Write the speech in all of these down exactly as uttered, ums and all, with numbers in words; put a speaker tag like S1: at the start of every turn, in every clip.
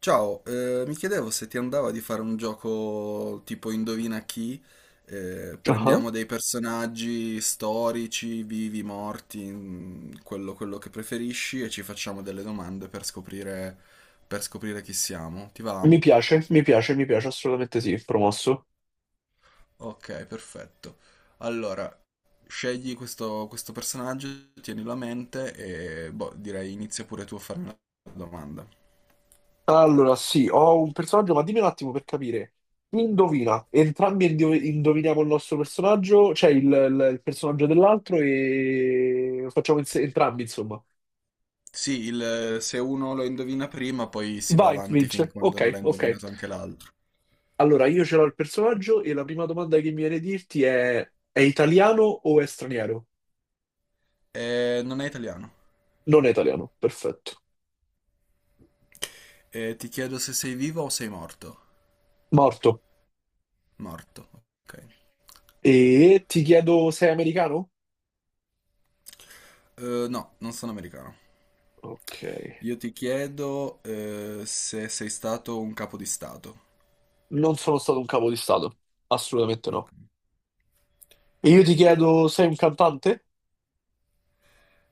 S1: Ciao, eh, mi chiedevo se ti andava di fare un gioco tipo Indovina chi, eh,
S2: Ah,
S1: prendiamo dei personaggi storici, vivi, morti, mm, quello, quello che preferisci e ci facciamo delle domande per scoprire, per scoprire chi siamo. Ti va?
S2: mi piace, mi piace, mi piace, assolutamente sì, promosso.
S1: Ok, perfetto. Allora, scegli questo, questo personaggio, tienilo a mente e boh, direi inizia pure tu a farmi la domanda.
S2: Allora, sì, ho un personaggio, ma dimmi un attimo per capire. Chi Indovina, entrambi indo- indoviniamo il nostro personaggio, cioè il, il- il personaggio dell'altro e lo facciamo inse- entrambi, insomma.
S1: Sì, il- se uno lo indovina prima, poi si va
S2: Vai,
S1: avanti fin
S2: vince.
S1: quando
S2: Ok,
S1: non l'ha
S2: ok.
S1: indovinato anche l'altro.
S2: Allora, io ce l'ho il personaggio e la prima domanda che mi viene a dirti è: è italiano o è straniero?
S1: Eh, non è italiano.
S2: Non è italiano, perfetto.
S1: Eh, ti chiedo se sei vivo o sei morto.
S2: Morto.
S1: Morto, ok.
S2: E ti chiedo, sei americano?
S1: Eh, no, non sono americano.
S2: Ok.
S1: Io ti chiedo eh, se sei stato un capo di stato.
S2: Non sono stato un capo di Stato, assolutamente
S1: Ok.
S2: no. E io ti chiedo, sei un cantante?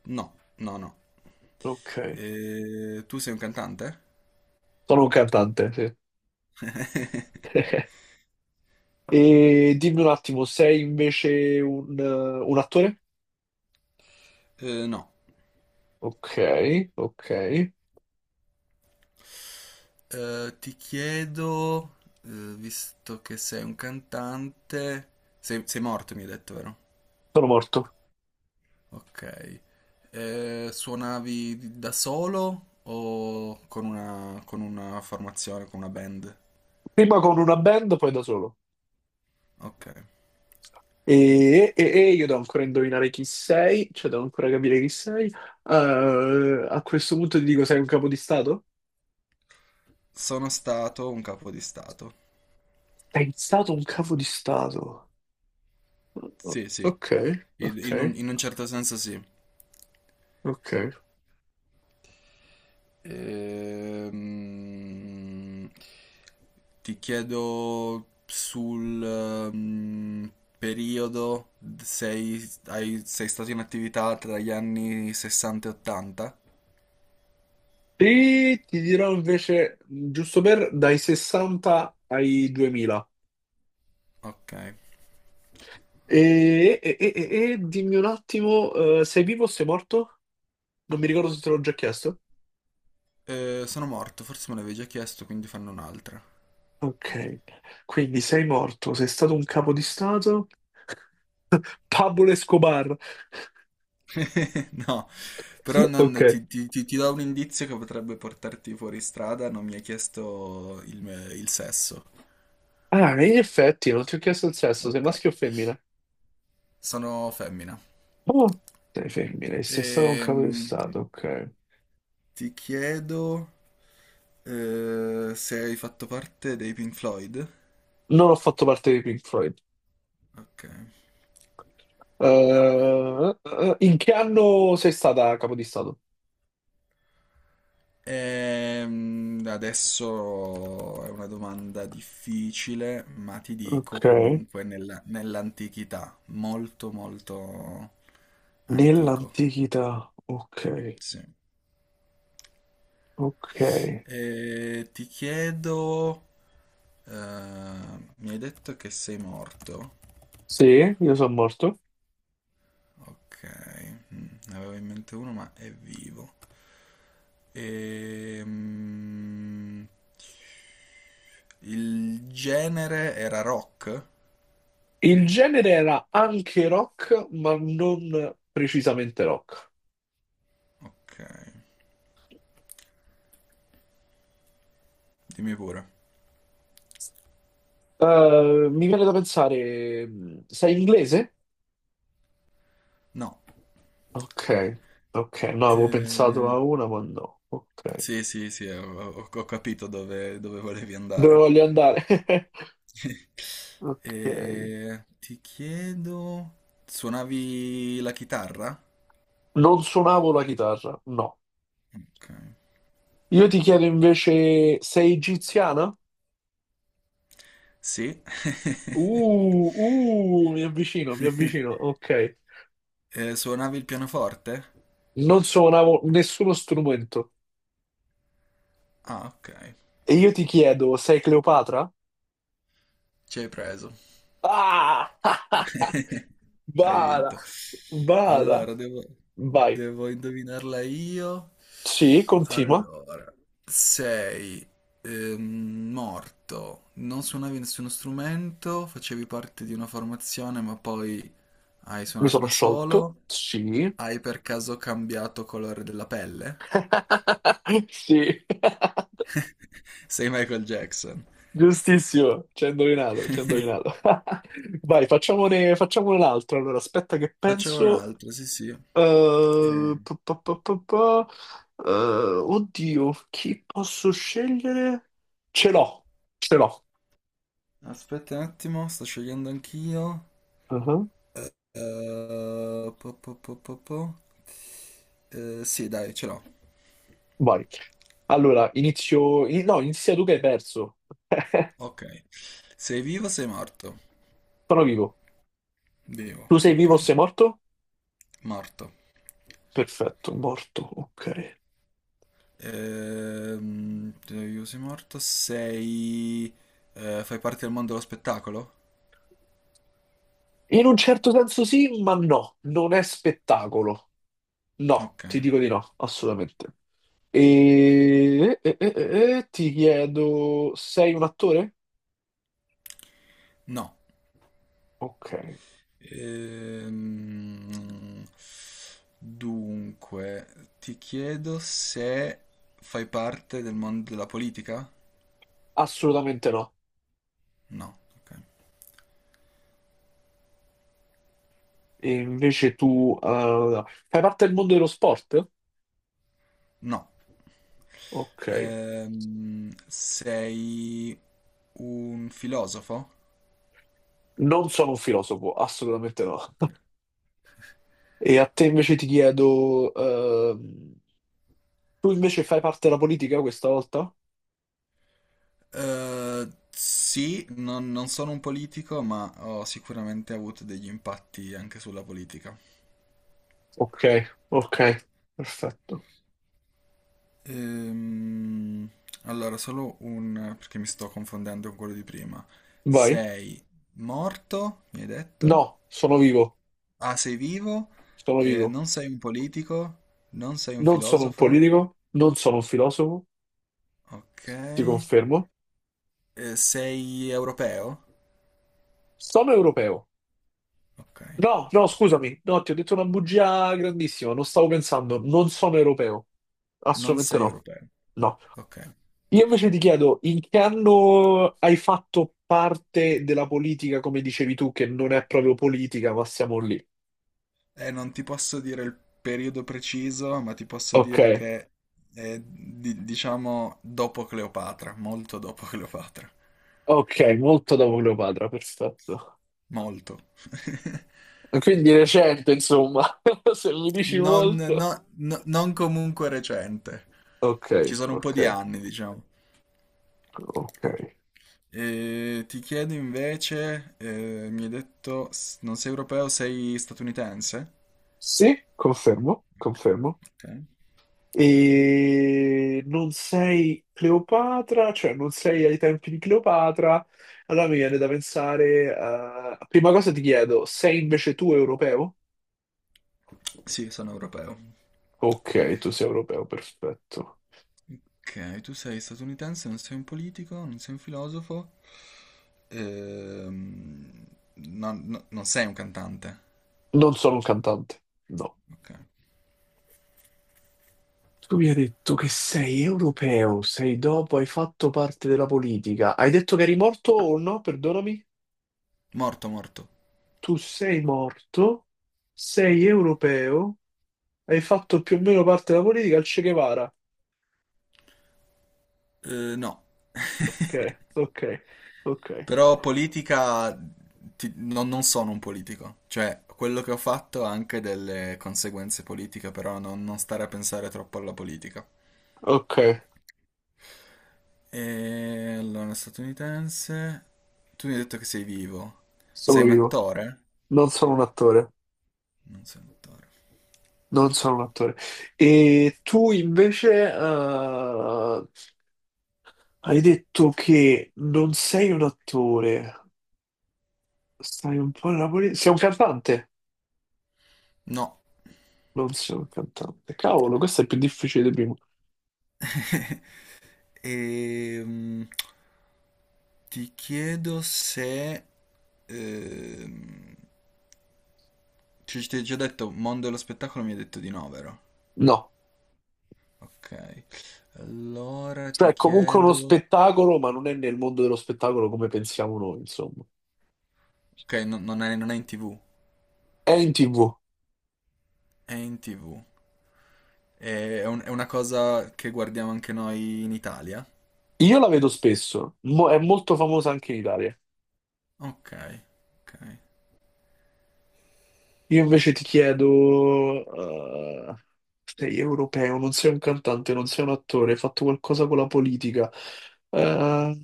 S1: No, no, no.
S2: Ok,
S1: Eh, tu sei un cantante?
S2: sono un cantante, sì. E dimmi un attimo, sei invece un, eh, un attore?
S1: Eh, no.
S2: Ok, ok.
S1: Eh, ti chiedo, eh, visto che sei un cantante, sei, sei morto, mi hai detto, vero?
S2: Sono morto.
S1: Ok. Eh, suonavi da solo o con una, con una formazione, con una band?
S2: Prima con una band, poi da solo.
S1: Ok.
S2: E, e- e io devo ancora indovinare chi sei, cioè devo ancora capire chi sei. Eh, a questo punto ti dico, sei un capo di Stato?
S1: Sono stato un capo di stato.
S2: Sei stato un capo di Stato.
S1: Sì, sì,
S2: Ok,
S1: in,
S2: ok,
S1: in un, in un certo senso sì.
S2: ok.
S1: Ehm, ti chiedo sul ehm, periodo, sei, hai- sei stato in attività tra gli anni sessanta e ottanta?
S2: E ti dirò invece, giusto per, dai sessanta ai duemila.
S1: Ok.
S2: E, e- e- e- e dimmi un attimo, eh, sei vivo o sei morto? Non mi ricordo se te l'ho già chiesto.
S1: Eh, sono morto, forse me l'avevi già chiesto, quindi fanno un'altra.
S2: Ok, quindi sei morto, sei stato un capo di stato? Pablo Escobar.
S1: No, però
S2: Ok.
S1: non- ti, ti- ti- ti do un indizio che potrebbe portarti fuori strada, non mi hai chiesto il, me- il sesso.
S2: Ah, in effetti, non ti ho chiesto il sesso, sei
S1: Ok.
S2: maschio o femmina?
S1: Sono femmina.
S2: Oh, sei femmina, e sei stato un capo di
S1: Ehm,
S2: stato, ok.
S1: ti chiedo eh, se hai fatto parte dei Pink Floyd.
S2: Non ho fatto parte di Pink Floyd.
S1: Ok.
S2: Eh, eh, eh, In che anno sei stata capo di stato?
S1: Ehm, adesso è una domanda difficile, ma ti dico
S2: Ok.
S1: comunque nella- nell'antichità, molto molto antico.
S2: Nell'antichità. Ok.
S1: Sì.
S2: Ok.
S1: E ti chiedo, eh, mi hai detto che sei morto?
S2: Sì, io sono morto.
S1: Ok, mm, ne avevo in mente uno, ma è vivo. Ehm, il genere era rock?
S2: Il genere era anche rock, ma non precisamente rock.
S1: Ok, dimmi pure.
S2: Eh, mi viene da pensare, mh, sei inglese?
S1: No.
S2: Ok, ok, no, avevo pensato
S1: Eh,
S2: a una, ma no. Ok,
S1: sì, sì, sì, ho, ho- ho capito dove, dove volevi
S2: dove
S1: andare.
S2: voglio andare? Ok,
S1: Eh, ti chiedo, suonavi la chitarra?
S2: non suonavo la chitarra, no.
S1: Ok.
S2: Io ti chiedo invece, sei egiziana?
S1: Sì.
S2: Uh, uh, mi avvicino, mi avvicino, ok.
S1: Eh, suonavi il pianoforte?
S2: Non suonavo nessuno strumento.
S1: Ah, ok.
S2: E io ti chiedo, sei Cleopatra?
S1: Ci hai preso.
S2: Ah!
S1: Hai
S2: Bada,
S1: vinto.
S2: bada.
S1: Allora, devo,
S2: Vai.
S1: devo indovinarla io.
S2: Sì, continua.
S1: Allora, sei ehm, morto, non suonavi nessuno strumento, facevi parte di una formazione, ma poi hai
S2: Mi
S1: suonato
S2: sono
S1: da
S2: sciolto.
S1: solo.
S2: Sì.
S1: Hai per caso cambiato colore della pelle?
S2: Sì,
S1: Sei Michael Jackson.
S2: giustissimo. Ci hai indovinato, ci hai indovinato. Vai, facciamone, facciamone un altro. Allora, aspetta che
S1: Facciamo
S2: penso.
S1: un'altra, sì, sì.
S2: Eh,
S1: Eh,
S2: pa, pa, pa, pa, pa. Eh, oddio, chi posso scegliere? Ce l'ho, ce l'ho.
S1: aspetta un attimo, sto scegliendo anch'io.
S2: Uh-huh.
S1: Eh, po, po, po, po, po. Eh, sì, dai, ce l'ho.
S2: Vai. Allora, inizio. in- No, inizia tu che hai perso.
S1: Ok. Sei vivo o sei morto?
S2: Sono vivo.
S1: Vivo,
S2: Tu sei
S1: ok.
S2: vivo o sei morto?
S1: Morto.
S2: Perfetto, morto. Ok.
S1: Ehm, sei vivo, sei morto. Sei... eh, fai parte del mondo dello spettacolo?
S2: In un certo senso sì, ma no. Non è spettacolo. No,
S1: Ok.
S2: ti dico di no, assolutamente. E, e- e- e- e ti chiedo, sei un attore?
S1: No.
S2: Ok.
S1: Ehm, dunque, ti chiedo se fai parte del mondo della politica?
S2: Assolutamente no.
S1: No, ok.
S2: E invece tu eh, fai parte del mondo dello sport?
S1: No.
S2: Ok.
S1: Ehm, sei un filosofo?
S2: Non sono un filosofo, assolutamente no. E a te invece ti chiedo, ehm, tu invece fai parte della politica questa volta?
S1: Eh, sì, non, non sono un politico, ma ho sicuramente avuto degli impatti anche sulla politica.
S2: Ok, ok, perfetto.
S1: Ehm, allora, solo un... perché mi sto confondendo con quello di prima.
S2: Vai.
S1: Sei morto, mi hai detto?
S2: No, sono vivo,
S1: Ah, sei vivo?
S2: sono
S1: Eh,
S2: vivo.
S1: non sei un politico? Non sei un
S2: Non sono un
S1: filosofo?
S2: politico, non sono un filosofo,
S1: Ok.
S2: ti
S1: Eh,
S2: confermo.
S1: sei europeo?
S2: Sono europeo.
S1: Ok.
S2: No, no, scusami, no, ti ho detto una bugia grandissima, non stavo pensando, non sono europeo,
S1: Non
S2: assolutamente
S1: sei
S2: no.
S1: europeo.
S2: No,
S1: Ok.
S2: io invece ti chiedo in che anno hai fatto parte della politica, come dicevi tu, che non è proprio politica, ma siamo lì.
S1: Eh, non ti posso dire il periodo preciso, ma ti posso
S2: Ok,
S1: dire che è, di- diciamo, dopo Cleopatra, molto dopo Cleopatra.
S2: ok, molto dopo Cleopatra, perfetto.
S1: Molto.
S2: Quindi recente, insomma, se mi dici
S1: Non,
S2: molto.
S1: no- no- non comunque recente.
S2: Ok,
S1: Ci sono un po'
S2: ok,
S1: di anni, diciamo.
S2: ok.
S1: E ti chiedo invece, eh, mi hai detto, s- non sei europeo, sei statunitense?
S2: Sì, confermo, confermo.
S1: Ok.
S2: E non sei Cleopatra, cioè non sei ai tempi di Cleopatra, allora mi viene da pensare, eh, prima cosa ti chiedo, sei invece tu europeo?
S1: Sì, sono europeo.
S2: Ok, tu sei europeo, perfetto.
S1: Ok, tu sei statunitense, non sei un politico, non sei un filosofo, ehm, non, no- non sei un cantante.
S2: Non sono un cantante, no.
S1: Ok.
S2: Tu mi hai detto che sei europeo, sei dopo, hai fatto parte della politica. Hai detto che eri morto o no? Perdonami.
S1: Morto, morto.
S2: Tu sei morto, sei europeo, hai fatto più o meno parte della politica al Che Guevara.
S1: Eh, no.
S2: Ok, ok, ok,
S1: Però politica, ti- non, non sono un politico, cioè quello che ho fatto ha anche delle conseguenze politiche, però non, non stare a pensare troppo alla politica.
S2: ok,
S1: E allora, statunitense, tu mi hai detto che sei vivo, sei
S2: sono
S1: un
S2: io,
S1: attore?
S2: non sono un attore,
S1: Non sei un attore.
S2: non sono un attore. E tu invece eh, hai detto che non sei un attore, stai un po' nella politica, sei un cantante?
S1: No.
S2: Non sei un cantante, cavolo, questo è più difficile di prima.
S1: E, ti chiedo se... ehm, ci ti ho già detto, mondo dello spettacolo mi hai detto di no, vero?
S2: No,
S1: Ok, allora
S2: cioè
S1: ti
S2: è comunque uno
S1: chiedo...
S2: spettacolo, ma non è nel mondo dello spettacolo come pensiamo noi, insomma.
S1: Ok, no- non è, non è in T V,
S2: È in tivù,
S1: è in tivù. È, è un- è una cosa che guardiamo anche noi in Italia?
S2: io la vedo spesso, Mo- è molto famosa anche in Italia.
S1: Ok, ok.
S2: Io invece ti chiedo, eh, sei europeo, non sei un cantante, non sei un attore, hai fatto qualcosa con la politica, eh,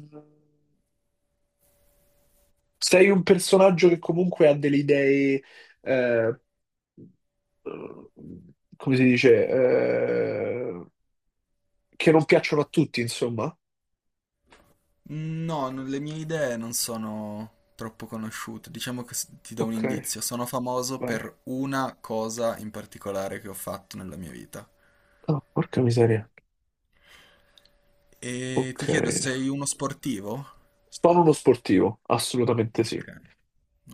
S2: sei un personaggio che comunque ha delle idee, eh, eh, come si dice, eh, che non piacciono a tutti, insomma.
S1: No, non- le mie idee non sono troppo conosciute. Diciamo che s- ti do un
S2: Ok,
S1: indizio. Sono famoso
S2: vai.
S1: per una cosa in particolare che ho fatto nella mia vita.
S2: Ah, porca miseria.
S1: E ti
S2: Ok.
S1: chiedo, sei uno sportivo?
S2: Sono uno sportivo, assolutamente sì.
S1: Ok,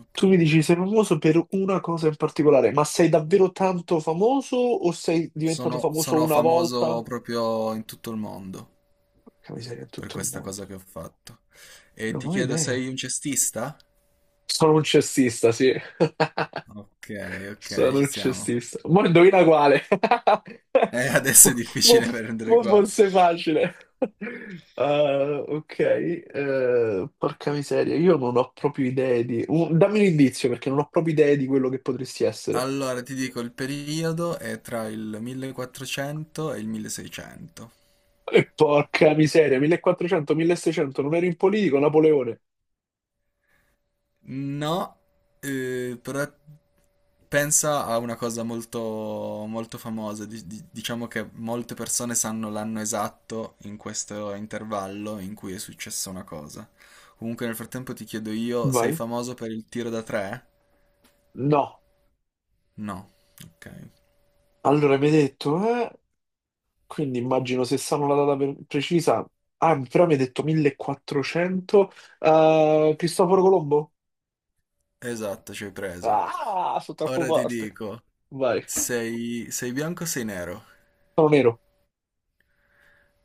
S1: ok.
S2: Tu mi dici sei famoso per una cosa in particolare, ma sei davvero tanto famoso o sei diventato
S1: Sono,
S2: famoso
S1: sono
S2: una volta?
S1: famoso proprio in tutto il mondo
S2: Porca miseria, in
S1: per
S2: tutto il
S1: questa
S2: mondo.
S1: cosa che ho fatto. E
S2: Non
S1: ti
S2: ho
S1: chiedo,
S2: idea.
S1: sei un cestista?
S2: Sono un cestista, sì.
S1: Ok, ok,
S2: Sono
S1: ci
S2: un
S1: siamo.
S2: cestista. Ma indovina quale?
S1: Eh, adesso
S2: Mo-
S1: è
S2: mo-
S1: difficile prendere
S2: mo
S1: qua.
S2: forse è facile. Ah, ok, eh, porca miseria, io non ho proprio idee di, un- dammi un indizio perché non ho proprio idee di quello che potresti essere.
S1: Allora, ti dico, il periodo è tra il millequattrocento e il milleseicento.
S2: E porca miseria, millequattrocento-milleseicento, non ero in politico, Napoleone.
S1: No, eh, però pensa a una cosa molto, molto famosa. di- di- diciamo che molte persone sanno l'anno esatto in questo intervallo in cui è successa una cosa. Comunque, nel frattempo ti chiedo io, sei
S2: Vai.
S1: famoso per il tiro da tre?
S2: No,
S1: No. Ok.
S2: allora mi hai detto, eh? Quindi immagino se sanno la data per- precisa. Ah, però mi hai detto millequattrocento. Eh, Cristoforo Colombo?
S1: Esatto, ci hai preso.
S2: Ah, sono troppo
S1: Ora ti
S2: forte.
S1: dico,
S2: Vai.
S1: sei, sei bianco o sei nero?
S2: Sono nero.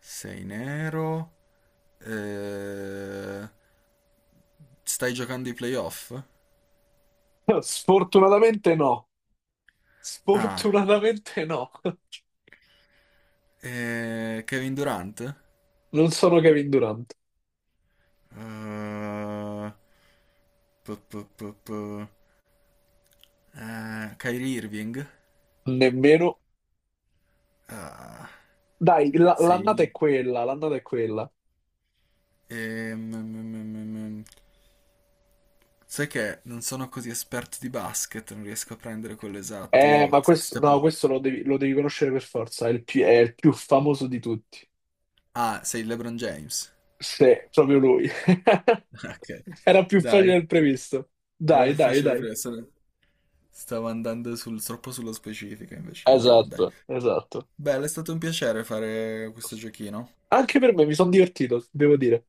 S1: Sei nero. Eh, stai giocando i playoff?
S2: Sfortunatamente no.
S1: Ah,
S2: Sfortunatamente no.
S1: eh, Kevin Durant? Eh,
S2: Non sono Kevin Durant.
S1: pu- pu- pu- pu- eh, Kyrie Irving?
S2: Nemmeno.
S1: Ah,
S2: Dai, la- l'annata è
S1: sei...
S2: quella, l'annata è quella.
S1: ehm, mm, mm, mm, mm. mm. sai che non sono così esperto di basket, non riesco a prendere quello esatto.
S2: Eh,
S1: Io
S2: ma
S1: t- ti
S2: questo, no,
S1: stavo...
S2: questo lo devi, lo devi conoscere per forza, è il più, è il più famoso di tutti.
S1: Ah, sei LeBron James?
S2: Sì, proprio lui.
S1: Ok,
S2: Era più facile
S1: dai,
S2: del previsto.
S1: era
S2: Dai,
S1: più
S2: dai,
S1: facile
S2: dai.
S1: prima. stavo stavo andando sul- troppo sullo specifico invece LeBron, dai.
S2: Esatto, esatto.
S1: Beh, è stato un piacere fare questo giochino.
S2: Anche per me mi sono divertito, devo dire.